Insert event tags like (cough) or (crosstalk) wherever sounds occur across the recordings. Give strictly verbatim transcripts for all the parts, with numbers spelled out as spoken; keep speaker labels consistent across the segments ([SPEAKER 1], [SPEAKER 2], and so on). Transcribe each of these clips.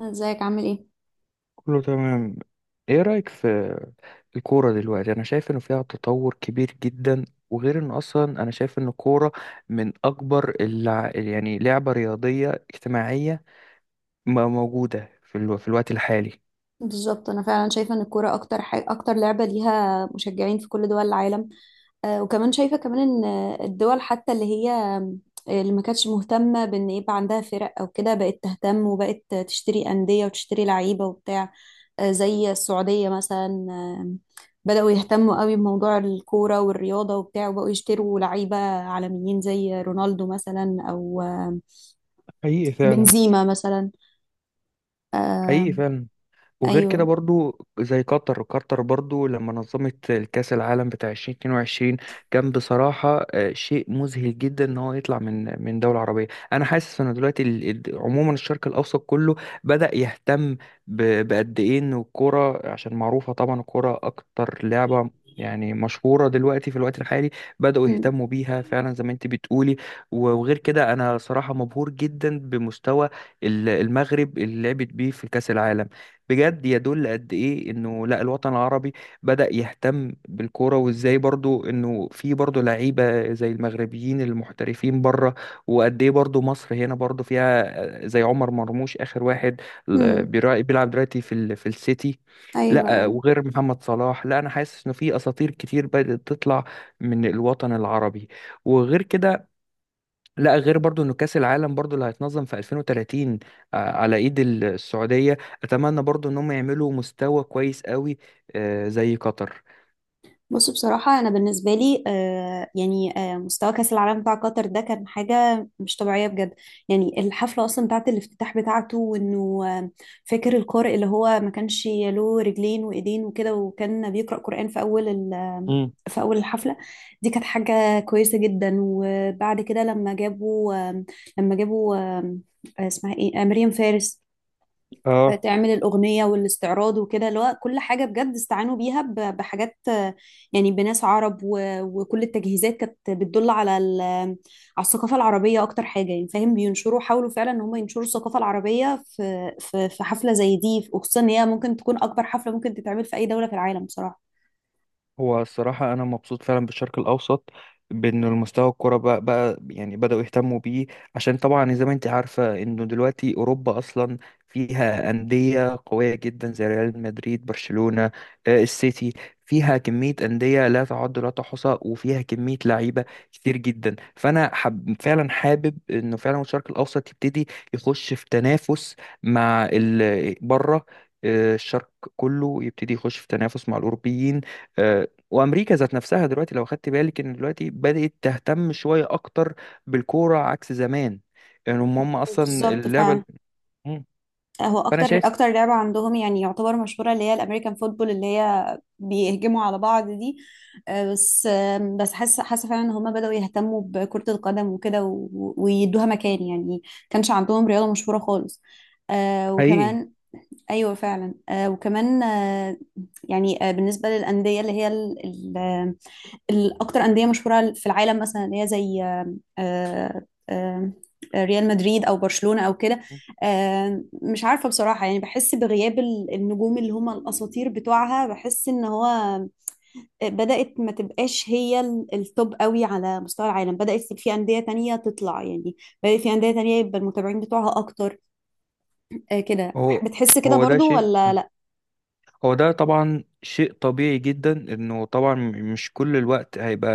[SPEAKER 1] ازيك؟ عامل ايه؟
[SPEAKER 2] كله تمام. ايه رأيك في الكورة دلوقتي؟ انا شايف انه فيها تطور كبير جدا. وغير ان اصلا انا شايف ان الكورة من اكبر اللع... يعني لعبة رياضية اجتماعية ما موجودة في الو... في الوقت الحالي.
[SPEAKER 1] بالظبط، انا فعلا شايفه ان الكوره اكتر حاجة اكتر لعبه ليها مشجعين في كل دول العالم. آه وكمان شايفه كمان ان الدول، حتى اللي هي آه، اللي ما كانتش مهتمه بان يبقى عندها فرق او كده، بقت تهتم وبقت تشتري انديه وتشتري لعيبه وبتاع. آه زي السعوديه مثلا، آه بداوا يهتموا قوي بموضوع الكوره والرياضه وبتاع، وبقوا يشتروا لعيبه عالميين زي رونالدو مثلا، او آه،
[SPEAKER 2] حقيقي فعلا.
[SPEAKER 1] بنزيما مثلا. آه،
[SPEAKER 2] حقيقي فعلا. وغير كده
[SPEAKER 1] ايوه.
[SPEAKER 2] برضو زي قطر، قطر برضو لما نظمت الكأس العالم بتاع ألفين واتنين كان بصراحة آه، شيء مذهل جدا ان هو يطلع من من دولة عربية. انا حاسس ان دلوقتي ال- ال- عموما الشرق الاوسط كله بدأ يهتم ب- بقد ايه ان الكورة، عشان معروفة طبعا الكورة اكتر لعبة يعني مشهورة دلوقتي في الوقت الحالي. بدأوا يهتموا بيها فعلا زي ما انت بتقولي. وغير كده انا صراحة مبهور جدا بمستوى ال- المغرب اللي لعبت بيه في كأس العالم. بجد يدل قد ايه انه لا، الوطن العربي بدأ يهتم بالكوره، وازاي برضو انه في برضو لعيبه زي المغربيين المحترفين بره. وقد ايه برضو مصر هنا برضو فيها، آه، زي عمر مرموش اخر واحد ل-
[SPEAKER 1] مم.
[SPEAKER 2] بيرا- بيلعب دلوقتي في ال في السيتي.
[SPEAKER 1] ايوه،
[SPEAKER 2] لا،
[SPEAKER 1] ايوه.
[SPEAKER 2] وغير محمد صلاح. لا، انا حاسس انه في اساطير كتير بدأت تطلع من الوطن العربي. وغير كده، لا، غير برضو انه كاس العالم برضو اللي هيتنظم في ألفين وثلاثين آه، على ايد ال- السعوديه. اتمنى برضو انهم يعملوا مستوى كويس قوي آه، زي قطر.
[SPEAKER 1] بص، بصراحه انا بالنسبه لي آه يعني آه مستوى كاس العالم بتاع قطر ده كان حاجه مش طبيعيه بجد. يعني الحفله اصلا بتاعت الافتتاح بتاعته، وانه آه فاكر القارئ اللي هو ما كانش له رجلين وايدين وكده، وكان بيقرا قران في اول ال-
[SPEAKER 2] امم
[SPEAKER 1] في اول الحفله. دي كانت حاجه كويسه جدا. وبعد كده لما جابوا آم، لما جابوا آم، آه، اسمها ايه، آه، مريم فارس،
[SPEAKER 2] اه
[SPEAKER 1] تعمل الأغنية والاستعراض وكده، اللي هو كل حاجة بجد استعانوا بيها ب- بحاجات، آه، يعني بناس عرب، و- وكل التجهيزات كانت بتدل على ال- على الثقافة العربية أكتر حاجة. يعني فاهم، بينشروا، حاولوا فعلا إن هم ينشروا الثقافة العربية في في في حفلة زي دي، وخصوصا إن هي ممكن تكون أكبر حفلة ممكن تتعمل في أي دولة في العالم بصراحة.
[SPEAKER 2] هو الصراحة أنا مبسوط فعلا بالشرق الأوسط بأن المستوى الكرة بقى, بقى يعني بدأوا يهتموا بيه، عشان طبعا زي ما أنت عارفة إنه دلوقتي أوروبا أصلا فيها أندية قوية جدا زي ريال مدريد، برشلونة، آه، السيتي. فيها كمية أندية لا تعد ولا تحصى، وفيها كمية لعيبة كتير جدا. فأنا حب فعلا حابب إنه فعلا الشرق الأوسط يبتدي يخش في تنافس مع ال- بره. آه، الشرق كله يبتدي يخش في تنافس مع الأوروبيين. آه، وامريكا ذات نفسها دلوقتي لو خدت بالك ان دلوقتي بدأت تهتم شويه اكتر بالكوره عكس زمان. يعني هم هم اصلا
[SPEAKER 1] بالظبط،
[SPEAKER 2] اللعبه
[SPEAKER 1] فعلا
[SPEAKER 2] ال- مم.
[SPEAKER 1] هو
[SPEAKER 2] فانا
[SPEAKER 1] اكتر
[SPEAKER 2] شايف.
[SPEAKER 1] اكتر لعبه عندهم، يعني يعتبر مشهوره، اللي هي الامريكان فوتبول اللي هي بيهجموا على بعض دي. آه، بس آه، بس حاسه حاسه فعلا ان هم بداوا يهتموا بكره القدم وكده، و- و- ويدوها مكان يعني. كانش عندهم رياضه مشهوره خالص. آه،
[SPEAKER 2] حقيقي.
[SPEAKER 1] وكمان. ايوه فعلا، آه، وكمان آه، يعني، آه، بالنسبه للانديه اللي هي الأكتر أندية مشهورة في العالم مثلا، اللي هي زي آم، آه، آم، ريال مدريد أو برشلونة أو كده. آم، مش عارفة بصراحة، يعني بحس بغياب ال- النجوم اللي هم الأساطير بتوعها. بحس إن هو آه، بدأت ما تبقاش هي ال- التوب قوي على مستوى العالم، بدأت في أندية تانية تطلع يعني، بدأت في أندية تانية يبقى المتابعين بتوعها أكتر، آه، كده.
[SPEAKER 2] هو
[SPEAKER 1] بتحس كده
[SPEAKER 2] هو ده
[SPEAKER 1] برضو
[SPEAKER 2] شيء
[SPEAKER 1] ولا لأ؟
[SPEAKER 2] هو ده طبعا شيء طبيعي جدا، انه طبعا مش كل الوقت هيبقى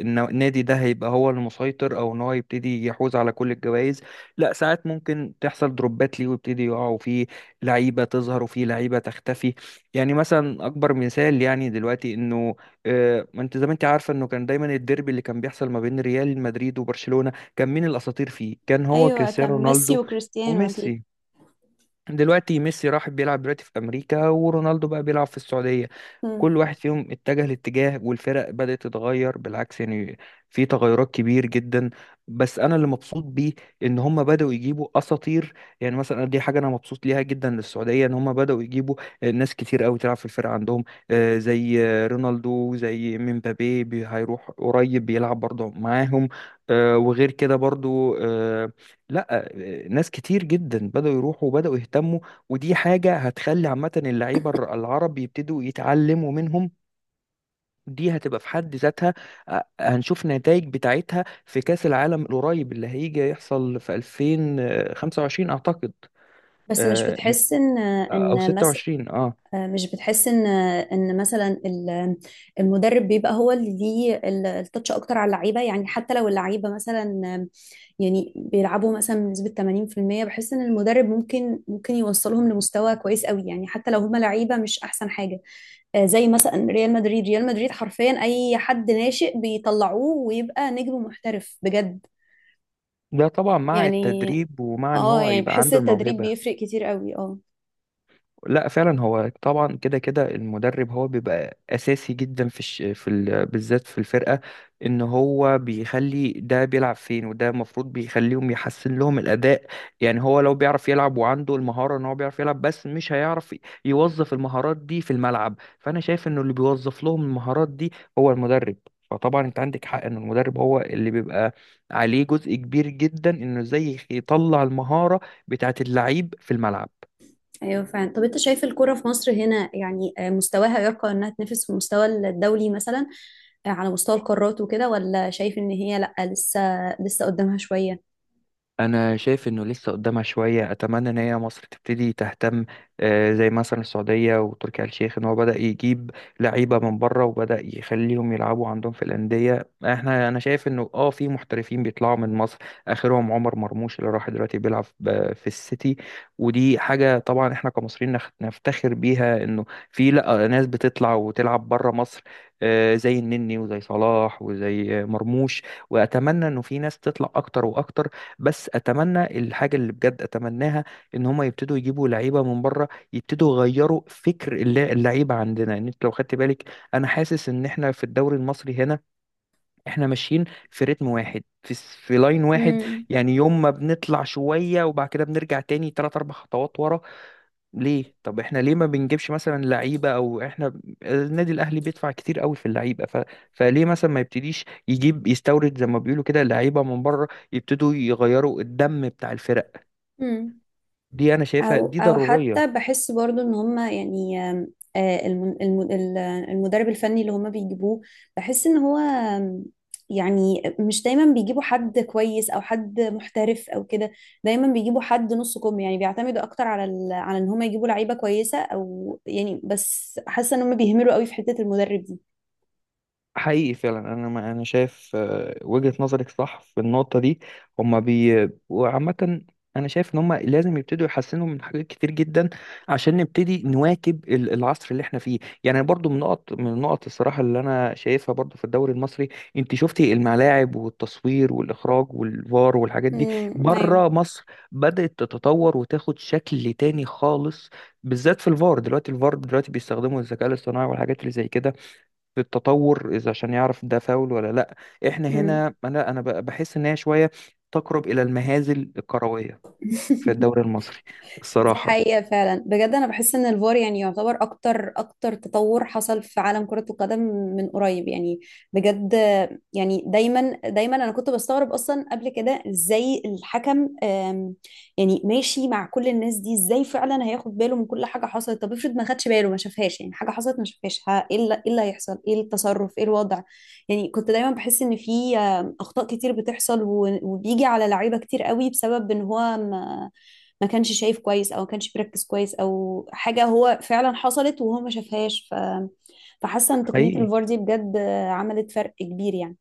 [SPEAKER 2] ان النادي ده هيبقى هو المسيطر، او ان هو يبتدي يحوز على كل الجوائز. لا، ساعات ممكن تحصل دروبات ليه ويبتدي يقع، وفيه لعيبة تظهر وفيه لعيبة تختفي. يعني مثلا اكبر مثال يعني دلوقتي انه، آه، ما انت زي ما انت عارفة انه كان دايما الديربي اللي كان بيحصل ما بين ريال مدريد وبرشلونة كان مين الاساطير فيه؟ كان هو
[SPEAKER 1] أيوة،
[SPEAKER 2] كريستيانو
[SPEAKER 1] كان ميسي
[SPEAKER 2] رونالدو
[SPEAKER 1] وكريستيانو أكيد.
[SPEAKER 2] وميسي. دلوقتي ميسي راح بيلعب دلوقتي في امريكا، ورونالدو بقى بيلعب في السعوديه.
[SPEAKER 1] مم.
[SPEAKER 2] كل واحد فيهم اتجه لاتجاه، والفرق بدات تتغير بالعكس. يعني في تغيرات كبير جدا. بس انا اللي مبسوط بيه ان هم بداوا يجيبوا اساطير. يعني مثلا دي حاجه انا مبسوط ليها جدا للسعوديه، ان هم بداوا يجيبوا ناس كتير قوي تلعب في الفرقه عندهم آه، زي رونالدو، زي مبابي بي- هيروح قريب بيلعب برضه معاهم. آه، وغير كده برضه آه، لا آه، ناس كتير جدا بداوا يروحوا وبداوا يهتموا، ودي حاجة هتخلي عامة اللعيبة الر- العرب يبتدوا يتعلموا منهم. دي هتبقى في حد ذاتها آه، هنشوف نتائج بتاعتها في كأس العالم القريب اللي هيجي يحصل في ألفين وخمسة وعشرين أعتقد،
[SPEAKER 1] بس مش
[SPEAKER 2] آه،
[SPEAKER 1] بتحس إن،
[SPEAKER 2] أو
[SPEAKER 1] إن مثلا
[SPEAKER 2] ست وعشرين. اه
[SPEAKER 1] آه، مش بتحس ان ان مثلا ال- المدرب بيبقى هو اللي ليه ال- التاتش اكتر على اللعيبه، يعني حتى لو اللعيبه مثلا آم، يعني بيلعبوا مثلا بنسبه ثمانين في المية، بحس ان المدرب ممكن ممكن يوصلهم لمستوى كويس قوي، يعني حتى لو هما لعيبه مش احسن حاجه. آه، زي مثلا ريال مدريد، ريال مدريد حرفيا اي حد ناشئ بيطلعوه ويبقى نجم محترف بجد
[SPEAKER 2] ده طبعا مع
[SPEAKER 1] يعني.
[SPEAKER 2] التدريب ومع ان
[SPEAKER 1] اه،
[SPEAKER 2] هو
[SPEAKER 1] يعني
[SPEAKER 2] يبقى
[SPEAKER 1] بحس
[SPEAKER 2] عنده
[SPEAKER 1] التدريب
[SPEAKER 2] الموهبة.
[SPEAKER 1] بيفرق كتير قوي، اه.
[SPEAKER 2] لا فعلا، هو طبعا كده كده المدرب هو بيبقى اساسي جدا في الش... في ال... بالذات في الفرقه، ان هو بيخلي ده بيلعب فين وده، المفروض بيخليهم يحسن لهم الاداء. يعني هو لو بيعرف يلعب وعنده المهاره، ان هو بيعرف يلعب بس مش هيعرف يوظف المهارات دي في الملعب. فانا شايف انه اللي بيوظف لهم المهارات دي هو المدرب. فطبعا انت عندك حق ان المدرب هو اللي بيبقى عليه جزء كبير جدا انه ازاي يطلع المهاره بتاعت اللعيب في الملعب.
[SPEAKER 1] ايوه فعلا. طب انت شايف الكوره في مصر هنا يعني، آه، مستواها يرقى انها تنافس في المستوى الدولي مثلا، آه، على مستوى القارات وكده، ولا شايف ان هي لا، لسه لسه قدامها شويه؟
[SPEAKER 2] انا شايف انه لسه قدامها شويه. اتمنى ان هي مصر تبتدي تهتم آه، زي مثلا السعوديه وتركي آل الشيخ، ان هو بدا يجيب لعيبه من بره وبدا يخليهم يلعبوا عندهم في الانديه. احنا، انا شايف انه اه في محترفين بيطلعوا من مصر، اخرهم عمر مرموش اللي راح دلوقتي بيلعب ب- في السيتي. ودي حاجه طبعا احنا كمصريين نخ- نفتخر بيها، انه في، لا، ناس بتطلع وتلعب بره مصر آه، زي النني وزي صلاح وزي آه، مرموش. واتمنى انه في ناس تطلع اكتر واكتر. بس اتمنى الحاجه اللي بجد اتمناها ان هم يبتدوا يجيبوا لعيبه من بره، يبتدوا يغيروا فكر الل- اللعيبه عندنا. يعني انت لو خدت بالك، انا حاسس ان احنا في الدوري المصري هنا احنا ماشيين في رتم واحد، في س- في لاين واحد.
[SPEAKER 1] امم
[SPEAKER 2] يعني يوم ما بنطلع شويه، وبعد كده بنرجع تاني تلاته اربعه خطوات ورا. ليه؟ طب احنا ليه ما بنجيبش مثلا لعيبه؟ او احنا ب- النادي الاهلي بيدفع كتير قوي في اللعيبه، ف... فليه مثلا ما يبتديش يجيب، يستورد زي ما بيقولوا كده، لعيبه من بره، يبتدوا يغيروا الدم بتاع الفرق؟
[SPEAKER 1] امم
[SPEAKER 2] دي انا شايفها
[SPEAKER 1] او
[SPEAKER 2] دي
[SPEAKER 1] او
[SPEAKER 2] ضروريه.
[SPEAKER 1] حتى بحس برضو ان هما يعني، آم، آه، الم- الم- ال- المدرب الفني اللي هما بيجيبوه، بحس ان هو آم، يعني مش دايما بيجيبوا حد كويس او حد محترف او كده، دايما بيجيبوا حد نص كم، يعني بيعتمدوا اكتر على ال... على ان هما يجيبوا لعيبه كويسه، او يعني بس حاسه ان هما بيهملوا قوي في حته المدرب دي.
[SPEAKER 2] حقيقي فعلا، انا ما انا شايف آه، وجهة نظرك صح في النقطة دي. هما بي وعامة انا شايف ان هما لازم يبتدوا يحسنوا من حاجات كتير جدا عشان نبتدي نواكب ال- العصر اللي احنا فيه. يعني برضو من نقط من النقط الصراحة اللي انا شايفها برضو في الدوري المصري، انت شفتي الملاعب والتصوير والاخراج والفار والحاجات دي
[SPEAKER 1] امم ايوه.
[SPEAKER 2] بره مصر بدأت تتطور وتاخد شكل تاني خالص، بالذات في الفار. دلوقتي الفار دلوقتي بيستخدموا الذكاء الاصطناعي والحاجات اللي زي كده. التطور، اذا، عشان يعرف ده فاول ولا لا. احنا
[SPEAKER 1] امم
[SPEAKER 2] هنا انا، انا ب- بحس ان هي شويه تقرب الى المهازل الكرويه في
[SPEAKER 1] (laughs)
[SPEAKER 2] الدوري المصري
[SPEAKER 1] دي
[SPEAKER 2] الصراحه.
[SPEAKER 1] حقيقة فعلا بجد. أنا بحس إن الفار يعني يعتبر أكتر أكتر تطور حصل في عالم كرة القدم من قريب يعني، بجد. يعني دايما دايما أنا كنت بستغرب أصلا قبل كده، إزاي الحكم آم، يعني ماشي مع كل الناس دي. إزاي فعلا هياخد باله من كل حاجة حصلت؟ طب افرض ما خدش باله، ما شافهاش، يعني حاجة حصلت ما شافهاش، ها، إيه اللي إيه اللي هيحصل؟ إيه التصرف؟ إيه الوضع؟ يعني كنت دايما بحس إن في آم، أخطاء كتير بتحصل، و- وبيجي على لعيبة كتير قوي بسبب إن هو ما ما كانش شايف كويس، او ما كانش بيركز كويس، او حاجه هو فعلا حصلت وهو ما شافهاش. ف فحاسه ان تقنيه
[SPEAKER 2] حقيقي.
[SPEAKER 1] الفار دي بجد عملت فرق كبير يعني.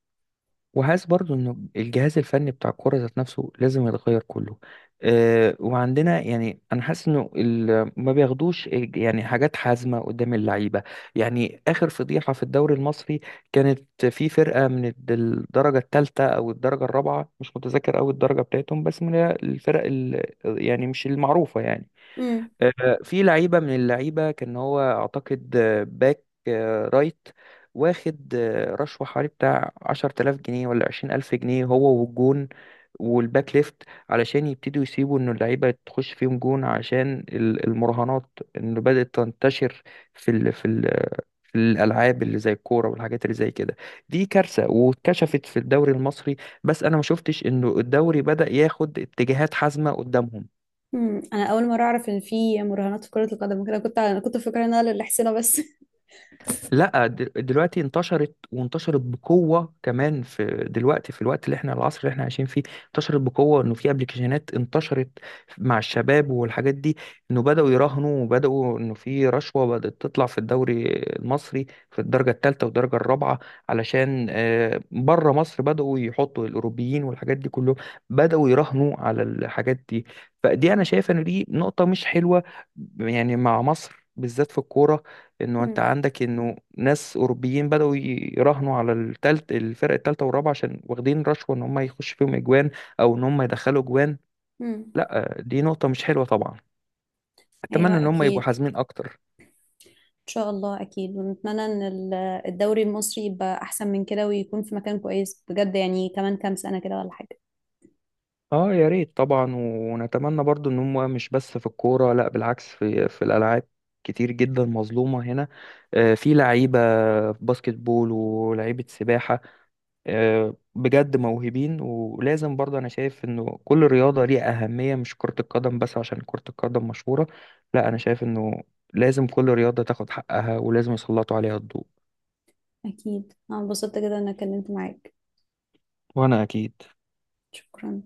[SPEAKER 2] وحاسس برضو ان الجهاز الفني بتاع الكوره ذات نفسه لازم يتغير كله. أه، وعندنا يعني انا حاسس انه ال- ما بياخدوش إج- يعني حاجات حازمه قدام اللعيبه. يعني اخر فضيحه في الدوري المصري كانت في فرقه من الد- الدرجه الثالثه او الدرجه الرابعه، مش متذكر أوي الدرجه بتاعتهم بس من الفرق ال- يعني مش المعروفه. يعني
[SPEAKER 1] امم
[SPEAKER 2] آه، في لعيبة من اللعيبة كان هو أعتقد آه، باك آه، رايت، واخد آه، رشوة حوالي بتاع عشرة آلاف جنيه ولا عشرين ألف جنيه، هو والجون والباك ليفت، علشان يبتدوا يسيبوا إن اللعيبة تخش فيهم جون عشان ال- المراهنات، إنه بدأت تنتشر في ال في ال في الألعاب اللي زي الكورة والحاجات اللي زي كده. دي كارثة واتكشفت في الدوري المصري، بس أنا ما شفتش إنه الدوري بدأ ياخد اتجاهات حازمة قدامهم.
[SPEAKER 1] امم انا اول مره اعرف ان في مراهنات في كره القدم كده، كنت انا كنت فاكره انها للحسنه بس. (laughs)
[SPEAKER 2] لا، د- دلوقتي انتشرت وانتشرت بقوة كمان في، دلوقتي في الوقت اللي احنا العصر اللي احنا عايشين فيه انتشرت بقوة، انه في ابلكيشنات انتشرت مع الشباب والحاجات دي، انه بدأوا يراهنوا وبدأوا انه في رشوة بدأت تطلع في الدوري المصري في الدرجة الثالثة والدرجة الرابعة، علشان آه، بره مصر بدأوا يحطوا الاوروبيين والحاجات دي كلهم بدأوا يراهنوا على الحاجات دي. فدي انا
[SPEAKER 1] مم.
[SPEAKER 2] شايف ان دي نقطة مش حلوة يعني مع مصر بالذات في الكورة، انه انت
[SPEAKER 1] مم.
[SPEAKER 2] عندك انه ناس اوروبيين بداوا يراهنوا على التالت، الفرق التالتة والرابعة، عشان واخدين رشوة ان هم يخش فيهم اجوان او ان هم يدخلوا اجوان.
[SPEAKER 1] مم.
[SPEAKER 2] لا دي نقطة مش حلوة طبعا،
[SPEAKER 1] ايوه
[SPEAKER 2] اتمنى ان هم يبقوا
[SPEAKER 1] اكيد.
[SPEAKER 2] حازمين اكتر.
[SPEAKER 1] ان شاء الله اكيد. ونتمنى ان ال- الدوري المصري يبقى احسن من كده، ويكون في مكان كويس بجد، يعني كمان كام سنه كده ولا حاجه.
[SPEAKER 2] اه يا ريت طبعا، ونتمنى برضو ان هم مش بس في الكورة، لا بالعكس، في في الالعاب كتير جدا مظلومة هنا آه، في لعيبة باسكت بول ولعيبة سباحة آه، بجد موهوبين، ولازم برضه انا شايف انه كل رياضة ليها أهمية مش كرة القدم بس عشان كرة القدم مشهورة. لا انا شايف انه لازم كل رياضة تاخد حقها، ولازم يسلطوا عليها الضوء.
[SPEAKER 1] اكيد، انا انبسطت كده ان انا اتكلمت معاك.
[SPEAKER 2] وانا اكيد.
[SPEAKER 1] شكرا.